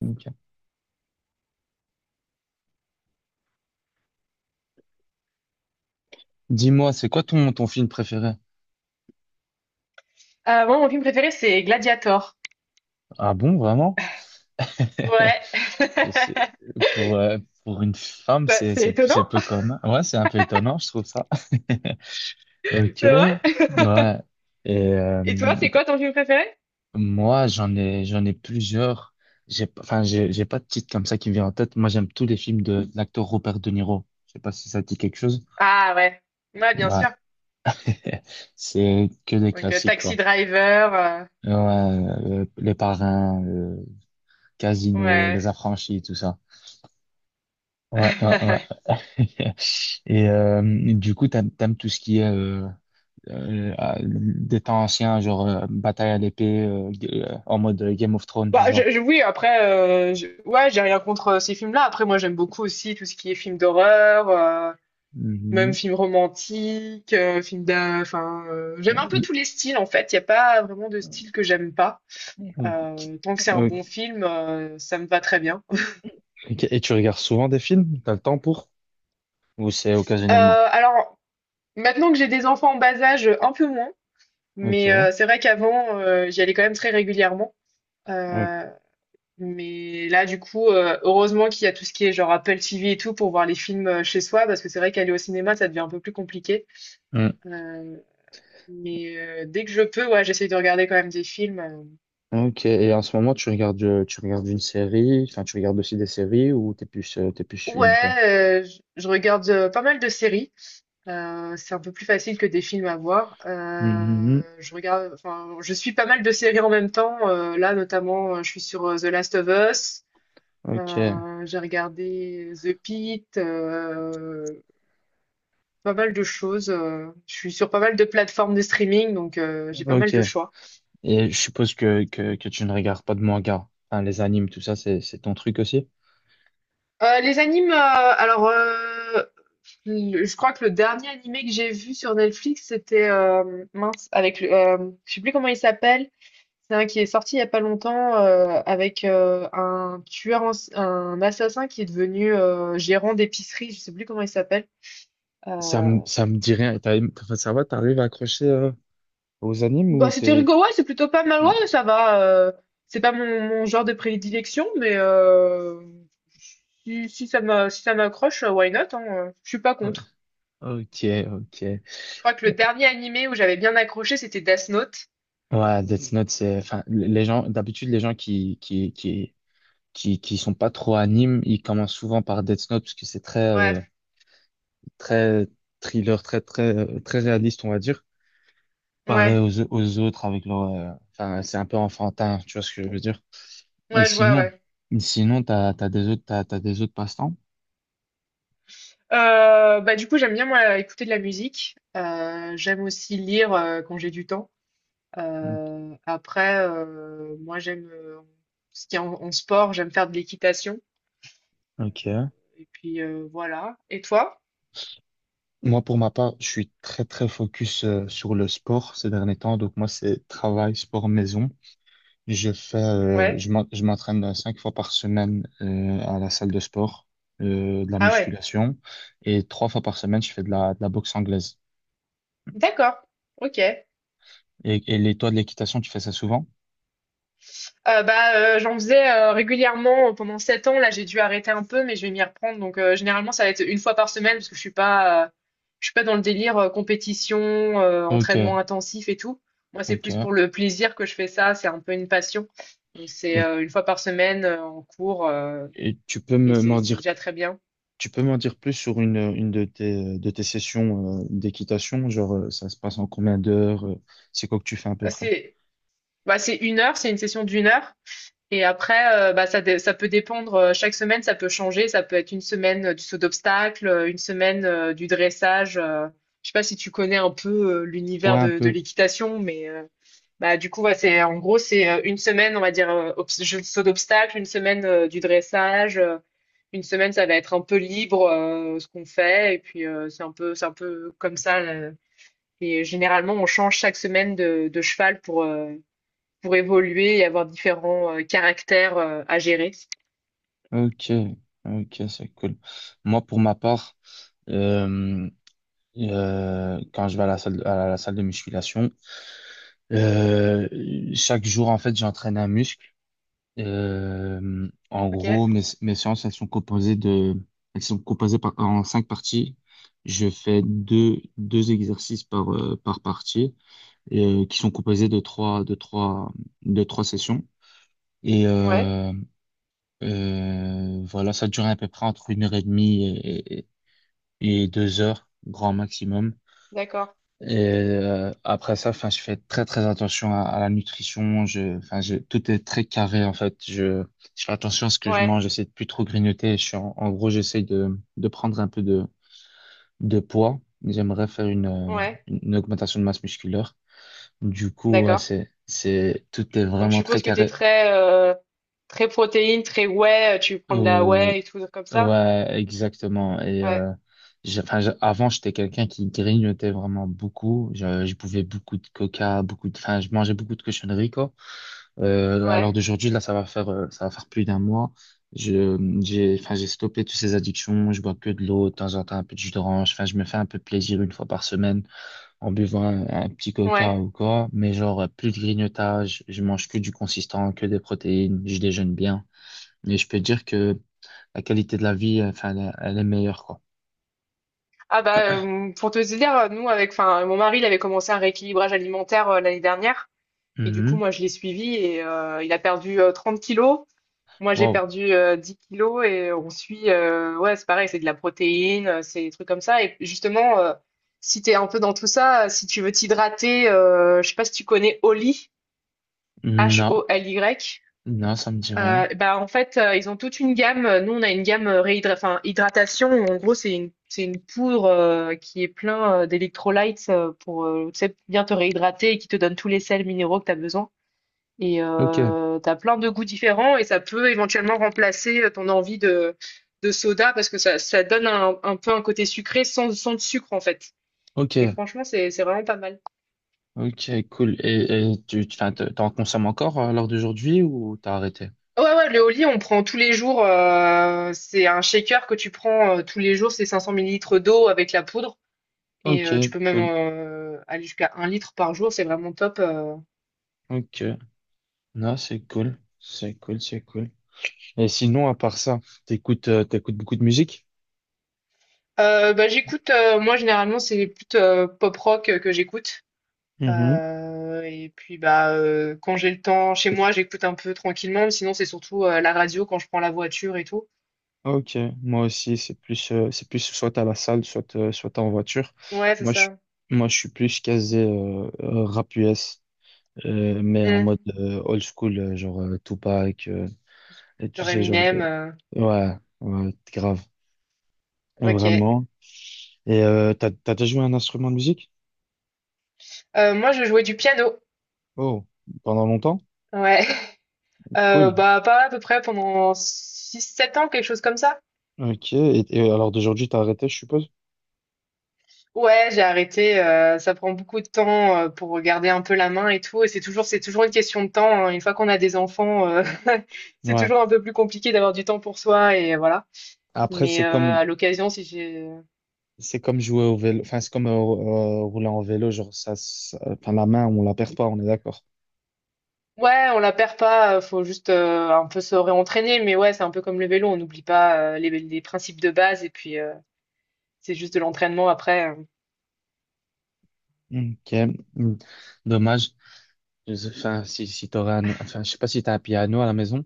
Ok. Dis-moi, c'est quoi ton film préféré? Moi, mon film préféré, c'est Gladiator. Ah bon, vraiment? Ouais. C'est- Pour, euh, pour une femme, Quoi, c'est, c'est c'est, étonnant? c'est peu commun. Ouais, c'est un peu étonnant, je trouve ça. Ok, C'est vrai? ouais. Et Et toi, c'est ok. quoi ton film préféré? Moi, j'en ai plusieurs. J'ai, pas- Enfin, j'ai pas de titre comme ça qui me vient en tête. Moi, j'aime tous les films de l'acteur Robert De Niro. Je sais pas si ça te dit quelque chose. Ah ouais. Ouais, bien Ouais, sûr. c'est que des Donc, classiques, Taxi quoi. Driver, Ouais, Les Parrains, Casino, Les ouais. Affranchis, tout ça. Ouais, ouais, ouais. Et du coup, t'aimes tout ce qui est ah, des temps anciens, genre bataille à l'épée, en mode Game of Thrones, tout Bah, ça. Je oui, après, je ouais, j'ai rien contre, ces films-là. Après, moi, j'aime beaucoup aussi tout ce qui est film d'horreur, même Mhm. film romantique, film d'a enfin, j'aime un peu tous les styles, en fait. Il y a pas vraiment de style que j'aime pas. Tant que c'est un Ok. bon film, ça me va très bien. Et tu regardes souvent des films? T'as le temps pour? Ou c'est occasionnellement? Euh, alors, maintenant que j'ai des enfants en bas âge, un peu moins, mais Ok. c'est vrai qu'avant, j'y allais quand même très régulièrement. Ok. Euh, mais là, du coup, heureusement qu'il y a tout ce qui est genre Apple TV et tout pour voir les films chez soi, parce que c'est vrai qu'aller au cinéma, ça devient un peu plus compliqué. Mm. Euh, mais dès que je peux, ouais, j'essaye de regarder quand même des films. Ok. Et en ce moment, tu regardes une série, enfin, tu regardes aussi des séries ou t'es plus Ouais, film, toi? Je regarde pas mal de séries. C'est un peu plus facile que des films à voir. Mhm. Je regarde, enfin, je suis pas mal de séries en même temps. Là, notamment, je suis sur The Last of Us. Ok. J'ai regardé The Pitt, pas mal de choses. Je suis sur pas mal de plateformes de streaming, donc j'ai pas mal Ok. de choix. Et je suppose que tu ne regardes pas de manga. Enfin, les animes, tout ça, c'est ton truc aussi. Les animes, Je crois que le dernier animé que j'ai vu sur Netflix, c'était mince, avec je sais plus comment il s'appelle. C'est un qui est sorti il y a pas longtemps avec un tueur, un assassin qui est devenu gérant d'épicerie. Je sais plus comment il s'appelle. Ça Euh, me, ça me dit rien. Et enfin, ça va, t'arrives à accrocher aux animes ou Bah c'était t'es. rigolo, ouais, c'est plutôt pas mal, Ouais. ouais, ça va. C'est pas mon genre de prédilection, mais si ça m'accroche, why not, hein, je suis pas contre. Ok, ok. Je crois que le dernier animé où j'avais bien accroché, c'était Death Note. Ouais, Death Note, c'est. Enfin, les gens, d'habitude, les gens qui sont pas trop animes, ils commencent souvent par Death Note parce que c'est très, Ouais, euh, très thriller, très, très, très réaliste, on va dire. Pareil ouais, aux autres avec enfin, c'est un peu enfantin, tu vois ce que je veux dire? Et ouais, je vois, sinon, ouais. sinon, t'as des autres passe-temps? Bah, du coup, j'aime bien, moi, écouter de la musique. J'aime aussi lire quand j'ai du temps. Après, moi, j'aime ce qui est en sport, j'aime faire de l'équitation. Ok. Et puis, voilà. Et toi? Moi, pour ma part, je suis très, très focus sur le sport ces derniers temps. Donc, moi, c'est travail, sport, maison. Je fais, euh, Ouais. je m'en- je m'entraîne 5 fois par semaine à la salle de sport, de la Ah ouais. musculation. Et 3 fois par semaine, je fais de la boxe anglaise. D'accord. Ok. Et toi, de l'équitation, tu fais ça souvent? Bah, j'en faisais régulièrement pendant 7 ans. Là, j'ai dû arrêter un peu, mais je vais m'y reprendre. Donc, généralement, ça va être une fois par semaine parce que je suis pas dans le délire compétition, Ok, entraînement intensif et tout. Moi, c'est plus ok. pour le plaisir que je fais ça. C'est un peu une passion. Donc, c'est Et, une fois par semaine en cours et et c'est c'est déjà très bien. Tu peux m'en dire plus sur une de tes sessions d'équitation? Genre, ça se passe en combien d'heures? C'est quoi que tu fais à peu près? C'est bah, c'est 1 heure, c'est une session d'une heure. Et après, bah, ça peut dépendre. Chaque semaine, ça peut changer. Ça peut être une semaine du saut d'obstacle, une semaine du dressage. Je sais pas si tu connais un peu l'univers Ouais, un de peu. l'équitation, mais bah, du coup, ouais, c'est en gros, c'est une semaine, on va dire, saut d'obstacle, une semaine du dressage, une semaine, ça va être un peu libre ce qu'on fait. Et puis, c'est un peu comme ça. Là. Et généralement, on change chaque semaine de cheval pour évoluer et avoir différents caractères à gérer. Ok, ok, c'est cool. Moi, pour ma part, euh, quand je vais à la salle de musculation, euh, chaque jour, en fait, j'entraîne un muscle. Euh, en Ok, gros, mes séances, elles sont composées par, en 5 parties. Je fais deux exercices par partie, qui sont composés de trois sessions. Et ouais, euh, euh, voilà, ça dure à peu près entre une heure et demie et deux heures, grand maximum. d'accord, Et après ça, enfin, je fais très très attention à la nutrition. Enfin, tout est très carré en fait. Je fais attention à ce que je mange. ouais, J'essaie de plus trop grignoter. Je suis en gros, j'essaie de prendre un peu de poids. J'aimerais faire une, euh, ouais, une une augmentation de masse musculaire. Du coup, ouais, d'accord. Tout est Donc je vraiment très suppose que t'es carré. Très protéine, très whey, tu prends de la Euh, whey et tout comme ça. Ouais, exactement. Et Ouais, enfin, avant, j'étais quelqu'un qui grignotait vraiment beaucoup. Je buvais beaucoup de coca, enfin, je mangeais beaucoup de cochonneries, quoi. Alors ouais, d'aujourd'hui, là, ça va faire plus d'1 mois. Je, enfin, j'ai stoppé toutes ces addictions. Je bois que de l'eau, de temps en temps un peu de jus d'orange. Enfin, je me fais un peu plaisir une fois par semaine en buvant un petit coca ouais. ou quoi. Mais genre, plus de grignotage. Je mange que du consistant, que des protéines. Je déjeune bien. Et je peux dire que la qualité de la vie, enfin, elle est meilleure, quoi. Ah bah pour te dire, nous avec, enfin mon mari, il avait commencé un rééquilibrage alimentaire l'année dernière et du coup Mhm. moi je l'ai suivi et il a perdu 30 kilos. Moi, j'ai Wow. perdu 10 kilos et on suit, ouais, c'est pareil, c'est de la protéine, c'est des trucs comme ça. Et justement, si t'es un peu dans tout ça, si tu veux t'hydrater, je sais pas si tu connais Oli, Non, HOLY. non, ça me dit rien. Bah en fait, ils ont toute une gamme. Nous, on a une gamme enfin, hydratation. En gros, c'est une poudre qui est plein d'électrolytes pour tu sais, bien te réhydrater et qui te donne tous les sels minéraux que tu as besoin. Et Ok, tu as plein de goûts différents et ça peut éventuellement remplacer ton envie de soda parce que ça donne un peu un côté sucré sans sucre en fait. ok, Et franchement, c'est vraiment pas mal. ok, cool. Et enfin, t'en consommes encore lors d'aujourd'hui ou t'as arrêté? Ouais, ouais, le Oli, on prend tous les jours. C'est un shaker que tu prends tous les jours, c'est 500 millilitres d'eau avec la poudre. Et tu Ok, peux même cool. Aller jusqu'à 1 litre par jour, c'est vraiment top. Ok. Non, c'est cool. C'est cool, c'est cool. Et sinon, à part ça, t'écoutes beaucoup de musique? Bah, j'écoute, moi généralement, c'est les pop rock que j'écoute. Mhm. Et puis bah quand j'ai le temps chez moi, j'écoute un peu tranquillement, mais sinon c'est surtout la radio quand je prends la voiture et tout. Ok, moi aussi, c'est plus soit à la salle, soit en voiture. Ouais, c'est Moi, je, ça. moi, je suis plus casé rap US. Mais en Hmm. mode old school, genre Tupac, et tous Genre ces genres Eminem. de. Ouais, ouais, grave, Ok. vraiment. Et t'as déjà joué un instrument de musique? Moi, je jouais du piano. Oh, pendant longtemps? Ouais. Cool. Bah pas à peu près pendant 6-7 ans, quelque chose comme ça. Ok, et alors d'aujourd'hui, t'as arrêté, je suppose? Ouais, j'ai arrêté. Ça prend beaucoup de temps pour garder un peu la main et tout. Et c'est toujours une question de temps. Hein. Une fois qu'on a des enfants, c'est Ouais. toujours un peu plus compliqué d'avoir du temps pour soi et voilà. Après, Mais c'est comme, à l'occasion, si j'ai c'est comme jouer au vélo, enfin, c'est comme rouler en vélo, genre enfin, la main, on la perd pas, on est d'accord. Ouais, on la perd pas, faut juste un peu se réentraîner, mais ouais, c'est un peu comme le vélo, on n'oublie pas les principes de base et puis c'est juste de l'entraînement après. Ok, hmm. Dommage. Enfin, si t'aurais enfin, je sais pas si t'as un piano à la maison.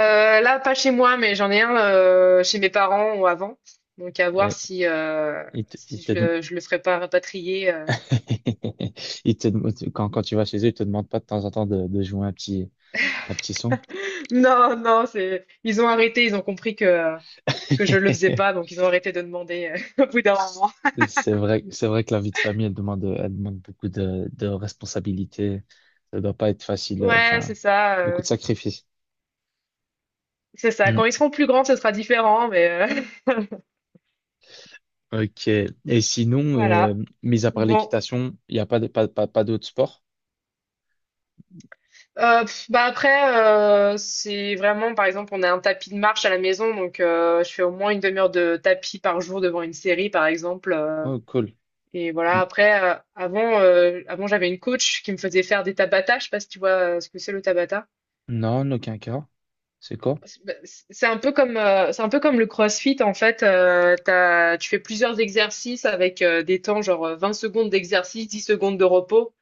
Là, pas chez moi, mais j'en ai un chez mes parents ou avant, donc à voir Et, il te, il si je te- le je le ferai pas rapatrier. Quand, tu vas chez eux, ils te demandent pas de temps en temps de jouer un petit son. Non, non, c'est ils ont arrêté, ils ont compris que je le faisais pas, donc ils ont arrêté de demander au bout d'un moment. C'est vrai que la vie de famille, elle demande beaucoup de responsabilités. Ça doit pas être facile, Ouais, enfin, beaucoup de sacrifices. c'est ça. Hmm, Quand ils seront plus grands, ce sera différent, mais ok. Et sinon, voilà. mis à part Bon. l'équitation, il n'y a pas, de- pas, pas, pas d'autres sports? Bah après, c'est vraiment, par exemple, on a un tapis de marche à la maison, donc je fais au moins une demi-heure de tapis par jour devant une série, par exemple. Oh, cool. Et voilà, N- après, avant j'avais une coach qui me faisait faire des tabata. Je sais pas si tu vois ce que c'est le tabata. Non, en aucun cas. C'est quoi? C'est un peu comme le CrossFit en fait. Tu fais plusieurs exercices avec des temps genre 20 secondes d'exercice, 10 secondes de repos,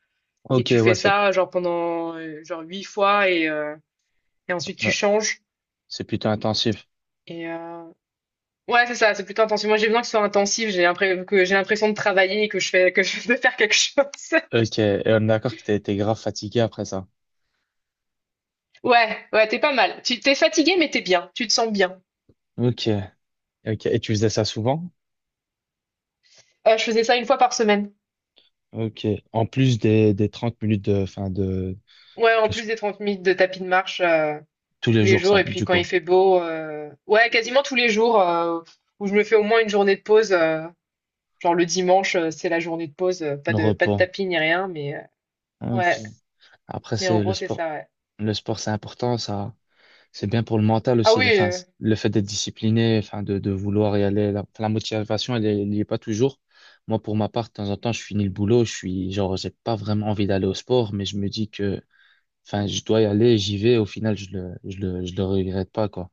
et Ok, tu fais ça genre pendant genre 8 fois et ensuite tu ouais, changes. c'est plutôt intensif. Et ouais, c'est ça, c'est plutôt intensif. Moi, j'ai besoin que ce soit intensif. Que j'ai l'impression de travailler et que je fais que je de faire quelque chose. Ok, et on est d'accord que t'as été grave fatigué après ça. Ouais, ouais, t'es pas mal. Tu t'es fatigué, mais t'es bien. Tu te sens bien. Ok, ok. Et tu faisais ça souvent? Je faisais ça une fois par semaine. Ok. En plus des 30 minutes de, enfin de, Ouais, en de plus des 30 minutes de tapis de marche tous les tous les jours, jours. ça, Et puis du quand coup, il fait beau, ouais, quasiment tous les jours où je me fais au moins une journée de pause. Genre le dimanche, c'est la journée de pause. euh, pas le de pas de repos. tapis ni rien, mais Ok. ouais. Après, Mais en c'est le gros, c'est sport. ça. Ouais. Le sport, c'est important, ça. C'est bien pour le mental Ah oui. aussi. Enfin, le fait d'être discipliné, enfin, de vouloir y aller. La motivation, elle y est pas toujours. Moi, pour ma part, de temps en temps, je finis le boulot. Genre, j'ai pas vraiment envie d'aller au sport, mais je me dis que, enfin, je dois y aller, j'y vais. Au final, je le regrette pas, quoi.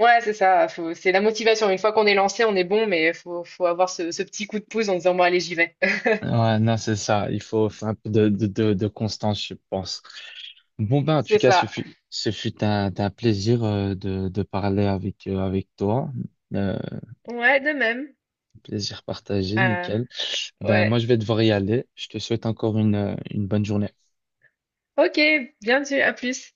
Ouais, c'est ça. C'est la motivation. Une fois qu'on est lancé, on est bon, mais faut avoir ce petit coup de pouce en disant, bon, allez, j'y vais. Ouais, non, c'est ça. Il faut faire un peu de constance, je pense. Bon, ben, en tout C'est cas, ce ça. fut, ce fut un plaisir de parler avec toi. Euh, Ouais, de même. Plaisir partagé, Euh, nickel. Ben, moi, ouais. je vais devoir y aller. Je te souhaite encore une bonne journée. Ok, bien sûr. À plus.